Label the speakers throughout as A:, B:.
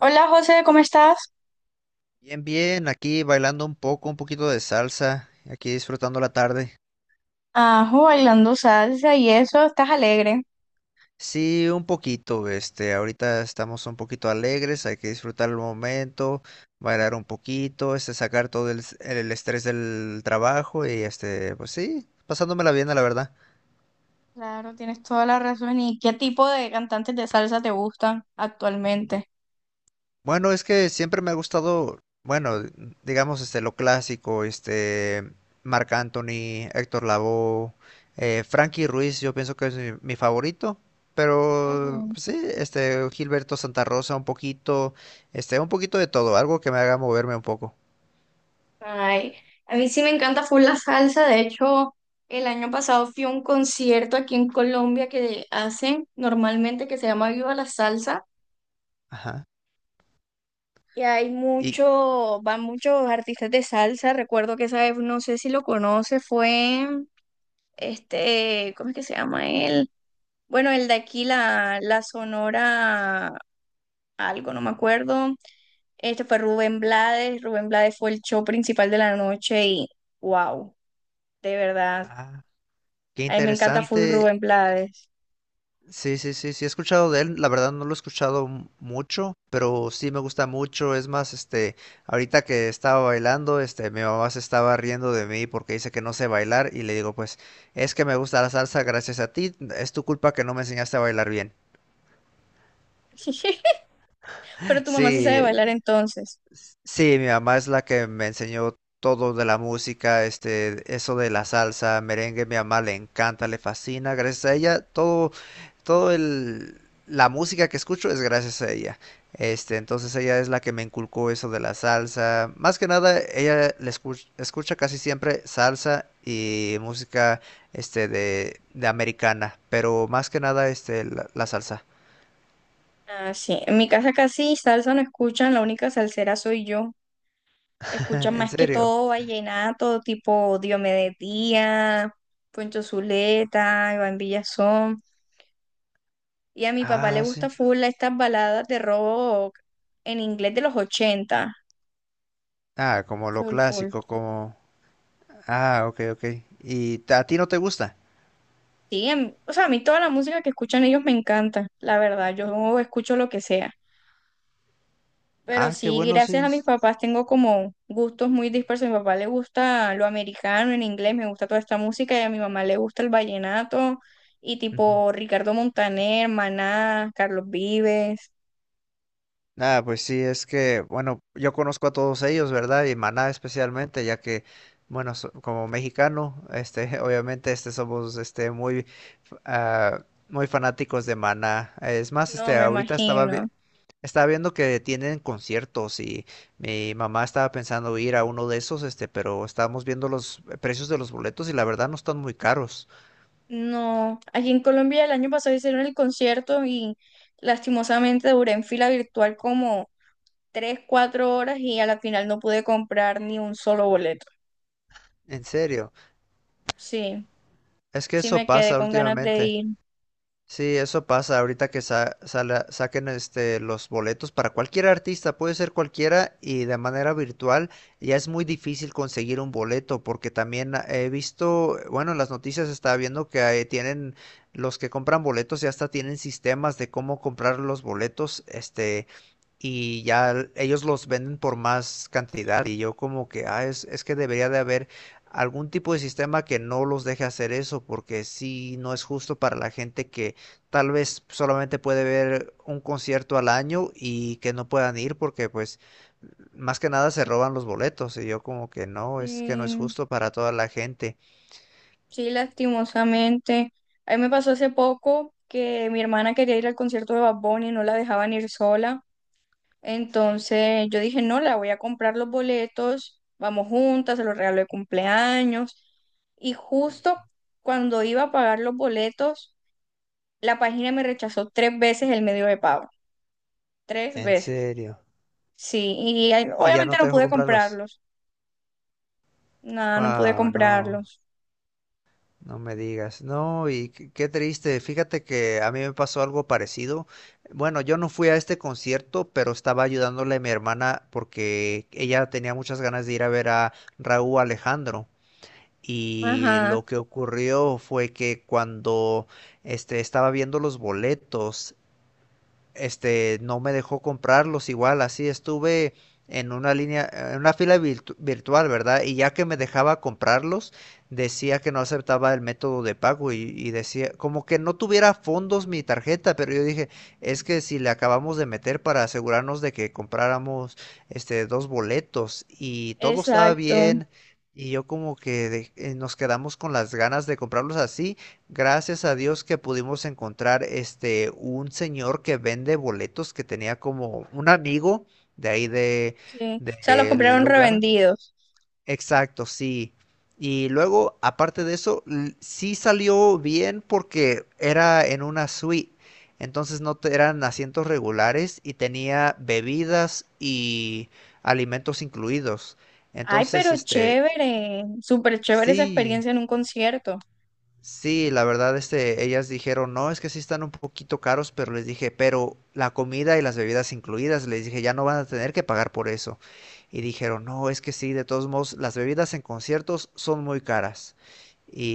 A: Hola José, ¿cómo estás?
B: Bien, bien, aquí bailando un poco, un poquito de salsa, aquí disfrutando la tarde.
A: Ajo, bailando salsa y eso, estás alegre.
B: Sí, un poquito, ahorita estamos un poquito alegres, hay que disfrutar el momento, bailar un poquito, sacar el estrés del trabajo y pues sí, pasándomela bien, la verdad.
A: Claro, tienes toda la razón. ¿Y qué tipo de cantantes de salsa te gustan actualmente?
B: Bueno, es que siempre me ha gustado, bueno, digamos, lo clásico, Marc Anthony, Héctor Lavoe, Frankie Ruiz, yo pienso que es mi favorito, pero
A: Ujú.
B: pues sí, Gilberto Santa Rosa, un poquito, un poquito de todo, algo que me haga moverme un poco.
A: Ay, a mí sí me encanta full la salsa. De hecho, el año pasado fui a un concierto aquí en Colombia que hacen normalmente que se llama Viva la Salsa.
B: Ajá.
A: Y hay
B: Y,
A: mucho, van muchos artistas de salsa. Recuerdo que esa vez, no sé si lo conoce, fue ¿cómo es que se llama él? Bueno, el de aquí, la Sonora, algo, no me acuerdo. Este fue Rubén Blades. Rubén Blades fue el show principal de la noche y wow, de verdad.
B: ah, qué
A: A mí me encanta full
B: interesante.
A: Rubén Blades.
B: Sí, sí, sí, sí, he escuchado de él, la verdad no lo he mucho, pero sí me gusta mucho, es más, ahorita que estaba bailando, mi mamá se estaba riendo de mí porque dice que no sé bailar y le digo, pues, es que me gusta la salsa gracias a ti, es tu culpa que no me enseñaste a bailar bien.
A: Pero tu mamá sí sabe bailar
B: Sí,
A: entonces.
B: sí, mi mamá es la que me enseñó todo de la música, eso de la salsa, merengue, mi mamá le encanta, le fascina, gracias a ella, todo, todo la música que escucho es gracias a ella. Entonces ella es la que me inculcó eso de la salsa. Más que nada, escucha casi siempre salsa y música, de americana, pero más que nada, la salsa.
A: Ah, sí. En mi casa casi salsa no escuchan, la única salsera soy yo. Escuchan
B: En
A: más que
B: serio.
A: todo vallenato, tipo Diomedes Díaz, Poncho Zuleta, Iván Villazón. Y a mi papá le
B: Ah,
A: gusta
B: sí.
A: full estas baladas de rock en inglés de los ochenta.
B: Ah, como lo
A: Full, full.
B: clásico, como... Ah, ok, ok. ¿ A ti no te gusta?
A: Sí, o sea, a mí toda la música que escuchan ellos me encanta, la verdad. Yo escucho lo que sea. Pero
B: Ah, qué
A: sí,
B: bueno, sí.
A: gracias a mis
B: Es...
A: papás tengo como gustos muy dispersos. A mi papá le gusta lo americano en inglés, me gusta toda esta música. Y a mi mamá le gusta el vallenato y
B: Ujú.
A: tipo Ricardo Montaner, Maná, Carlos Vives.
B: Ah, pues sí, es que, bueno, yo conozco a todos ellos, ¿verdad? Y Maná especialmente, ya que, bueno, como mexicano, obviamente, somos, muy, muy fanáticos de Maná. Es más,
A: No, me imagino.
B: estaba viendo que tienen conciertos y mi mamá estaba pensando ir a uno de esos, pero estábamos viendo los precios de los boletos y la verdad no están muy caros.
A: No, aquí en Colombia el año pasado hicieron el concierto y lastimosamente duré en fila virtual como tres, cuatro horas y a la final no pude comprar ni un solo boleto.
B: En serio.
A: Sí,
B: Es que
A: sí
B: eso
A: me quedé
B: pasa
A: con ganas de
B: últimamente.
A: ir.
B: Sí, eso pasa ahorita que saquen los boletos para cualquier artista, puede ser cualquiera y de manera virtual ya es muy difícil conseguir un boleto porque también he visto, bueno, en las noticias estaba viendo que ahí tienen los que compran boletos ya hasta tienen sistemas de cómo comprar los boletos, y ya ellos los venden por más cantidad y yo como que, es que debería de haber algún tipo de sistema que no los deje hacer eso porque sí no es justo para la gente que tal vez solamente puede ver un concierto al año y que no puedan ir porque pues más que nada se roban los boletos y yo como que no es
A: Sí,
B: justo para toda la gente.
A: sí, lastimosamente. A mí me pasó hace poco que mi hermana quería ir al concierto de Bad Bunny y no la dejaban ir sola. Entonces yo dije, no, la voy a comprar los boletos, vamos juntas, se los regalo de cumpleaños. Y justo cuando iba a pagar los boletos, la página me rechazó tres veces el medio de pago. Tres
B: En
A: veces.
B: serio.
A: Sí, y
B: Y ya
A: obviamente
B: no
A: no
B: te dejo
A: pude
B: comprarlos.
A: comprarlos. No, no pude
B: Wow, no.
A: comprarlos.
B: No me digas, no, y qué triste, fíjate que a mí me pasó algo parecido. Bueno, yo no fui a este concierto, pero estaba ayudándole a mi hermana porque ella tenía muchas ganas de ir a ver a Raúl Alejandro. Y
A: Ajá,
B: lo que ocurrió fue que cuando estaba viendo los boletos, no me dejó comprarlos igual, así estuve en una línea, en una virtual, ¿verdad? Y ya que me dejaba comprarlos, decía que no aceptaba el método de pago y decía, como que no tuviera fondos mi tarjeta, pero yo dije, es que si le acabamos de meter para asegurarnos de que compráramos dos boletos y todo estaba
A: exacto.
B: bien. Y yo como que nos quedamos con las ganas de comprarlos así. Gracias a Dios que pudimos encontrar un señor que vende boletos que tenía como un amigo de ahí de
A: Sí. O sea, los
B: del
A: compraron
B: lugar.
A: revendidos.
B: Exacto, sí. Y luego, aparte de eso, sí salió bien porque era en una suite. Entonces no te- eran asientos regulares y tenía bebidas y alimentos incluidos.
A: Ay,
B: Entonces,
A: pero chévere. Súper chévere esa
B: sí.
A: experiencia en un concierto.
B: Sí, la verdad, ellas dijeron, no, es que sí están un poquito caros, pero les dije, pero la comida y las bebidas incluidas, les dije, ya no van a tener que pagar por eso. Y dijeron, no, es que sí, de todos modos, las bebidas en conciertos son muy caras.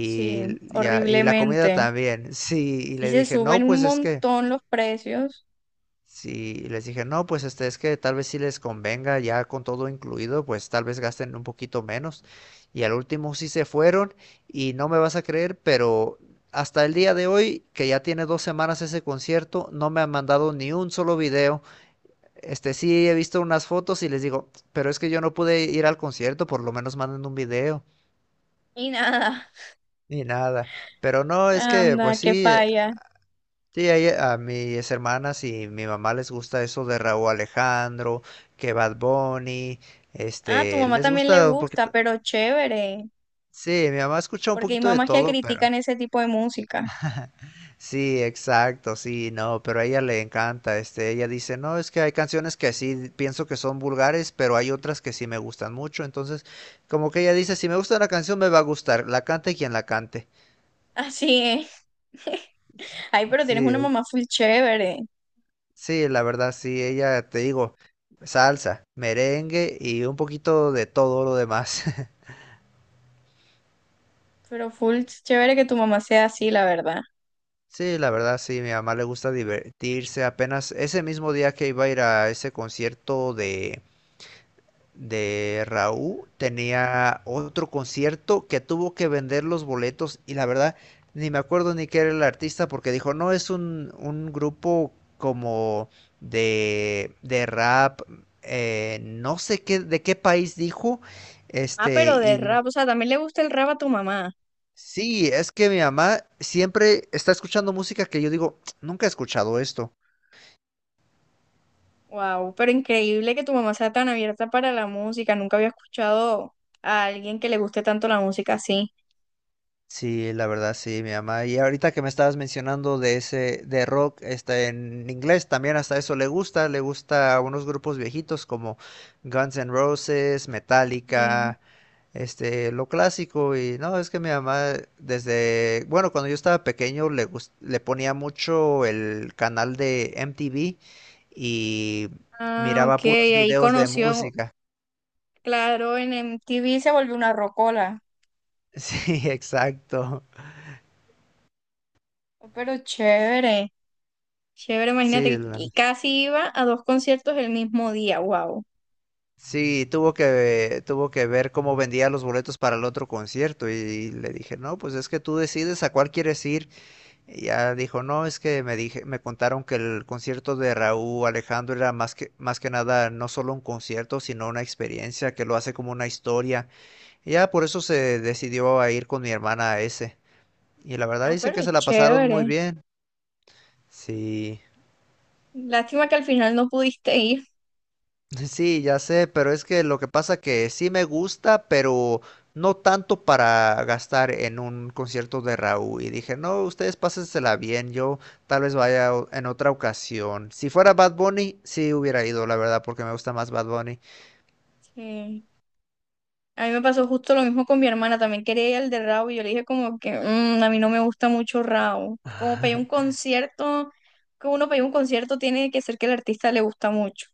A: Sí,
B: ya, y la comida
A: horriblemente.
B: también, sí, y
A: Sí
B: le
A: se
B: dije,
A: suben
B: no,
A: un
B: pues es que
A: montón los precios
B: sí, y les dije, no, pues es que tal vez si les convenga ya con todo incluido, pues tal vez gasten un poquito menos. Y al último sí se fueron y no me vas a creer, pero hasta el día de hoy, que ya tiene dos semanas ese concierto, no me han mandado ni un solo video. Sí he visto unas fotos y les digo, pero es que yo no pude ir al concierto, por lo menos manden un video.
A: y nada.
B: Ni nada. Pero no, es que, pues
A: Anda, qué
B: sí,
A: falla.
B: sí, a mis hermanas y mi mamá les gusta eso de Raúl Alejandro, que Bad Bunny,
A: Ah, a tu mamá
B: les
A: también le
B: gusta un
A: gusta,
B: poquito.
A: pero chévere,
B: Sí, mi mamá escucha un
A: porque hay
B: poquito de
A: mamás que
B: todo, pero
A: critican ese tipo de música.
B: sí, exacto, sí, no, pero a ella le encanta, ella dice, no, es que hay canciones que sí pienso que son vulgares, pero hay otras que sí me gustan mucho, entonces, como que ella dice, si me gusta una canción, me va a gustar, la cante quien la cante.
A: Así es. Ay, pero tienes una
B: Sí,
A: mamá full chévere,
B: sí, la verdad, sí, ella, te digo, salsa, merengue y un poquito de todo lo demás.
A: pero full chévere que tu mamá sea así, la verdad.
B: Sí, la verdad, sí, mi mamá le gusta divertirse. Apenas ese mismo día que iba a ir a ese concierto de Raúl tenía otro concierto que tuvo que vender los boletos y la verdad ni me acuerdo ni qué era el artista porque dijo, no, es un grupo como de rap, no sé qué, de qué país dijo,
A: Ah,
B: este,
A: pero de
B: y le-
A: rap, o sea, también le gusta el rap a tu mamá.
B: sí, es que mi mamá siempre está escuchando música que yo digo, nunca he escuchado esto.
A: Wow, pero increíble que tu mamá sea tan abierta para la música. Nunca había escuchado a alguien que le guste tanto la música así.
B: Sí, la verdad sí, mi mamá. Y ahorita que me estabas mencionando de ese, de rock, en inglés también hasta eso le gusta a unos grupos viejitos como Guns N' Roses,
A: Sí.
B: Metallica, lo clásico. Y no, es que mi mamá desde, bueno, cuando yo estaba pequeño le ponía mucho el canal de MTV y
A: Ah,
B: miraba
A: ok,
B: puros
A: ahí
B: videos de
A: conoció.
B: música.
A: Claro, en MTV se volvió una rocola.
B: Sí, exacto.
A: Oh, pero chévere, chévere,
B: Sí,
A: imagínate, que casi iba a dos conciertos el mismo día, wow.
B: sí, tuvo que ver cómo vendía los boletos para el otro concierto y, le dije, no, pues es que tú decides a cuál quieres ir. Y ya dijo, no, es que me dije, me contaron que el concierto de Raúl Alejandro era más más que nada no solo un concierto, sino una experiencia que lo hace como una historia. Y ya por eso se decidió a ir con mi hermana a ese. Y la verdad
A: Ah,
B: dicen
A: pero
B: que se la pasaron muy
A: chévere.
B: bien. Sí.
A: Lástima que al final no pudiste ir.
B: Sí, ya sé, pero es que lo que pasa que sí me gusta, pero no tanto para gastar en un concierto de Raúl. Y dije, no, ustedes pásensela bien, yo tal vez en otra ocasión. Si fuera Bad Bunny, sí hubiera ido, la verdad, porque me gusta más Bad Bunny.
A: Sí. A mí me pasó justo lo mismo con mi hermana, también quería ir al de Rao y yo le dije como que "Mm, a mí no me gusta mucho Rao. Como para ir a un concierto, que uno para ir a un concierto tiene que ser que el artista le gusta mucho".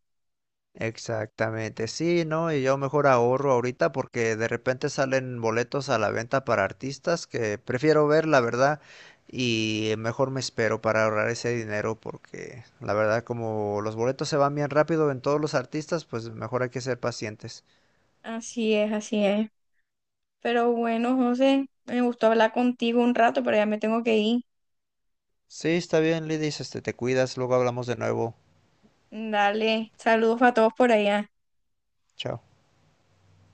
B: Exactamente, sí, ¿no? Y yo mejor ahorro ahorita porque de repente salen boletos a la venta para artistas que prefiero ver, la verdad, y mejor me espero para ahorrar ese dinero porque la verdad como los boletos se van bien rápido en todos los artistas, pues mejor hay que ser pacientes.
A: Así es, así es. Pero bueno, José, me gustó hablar contigo un rato, pero ya me tengo que ir.
B: Sí, está bien, Lidis, te cuidas, luego hablamos de nuevo.
A: Dale, saludos a todos por allá.
B: Chao.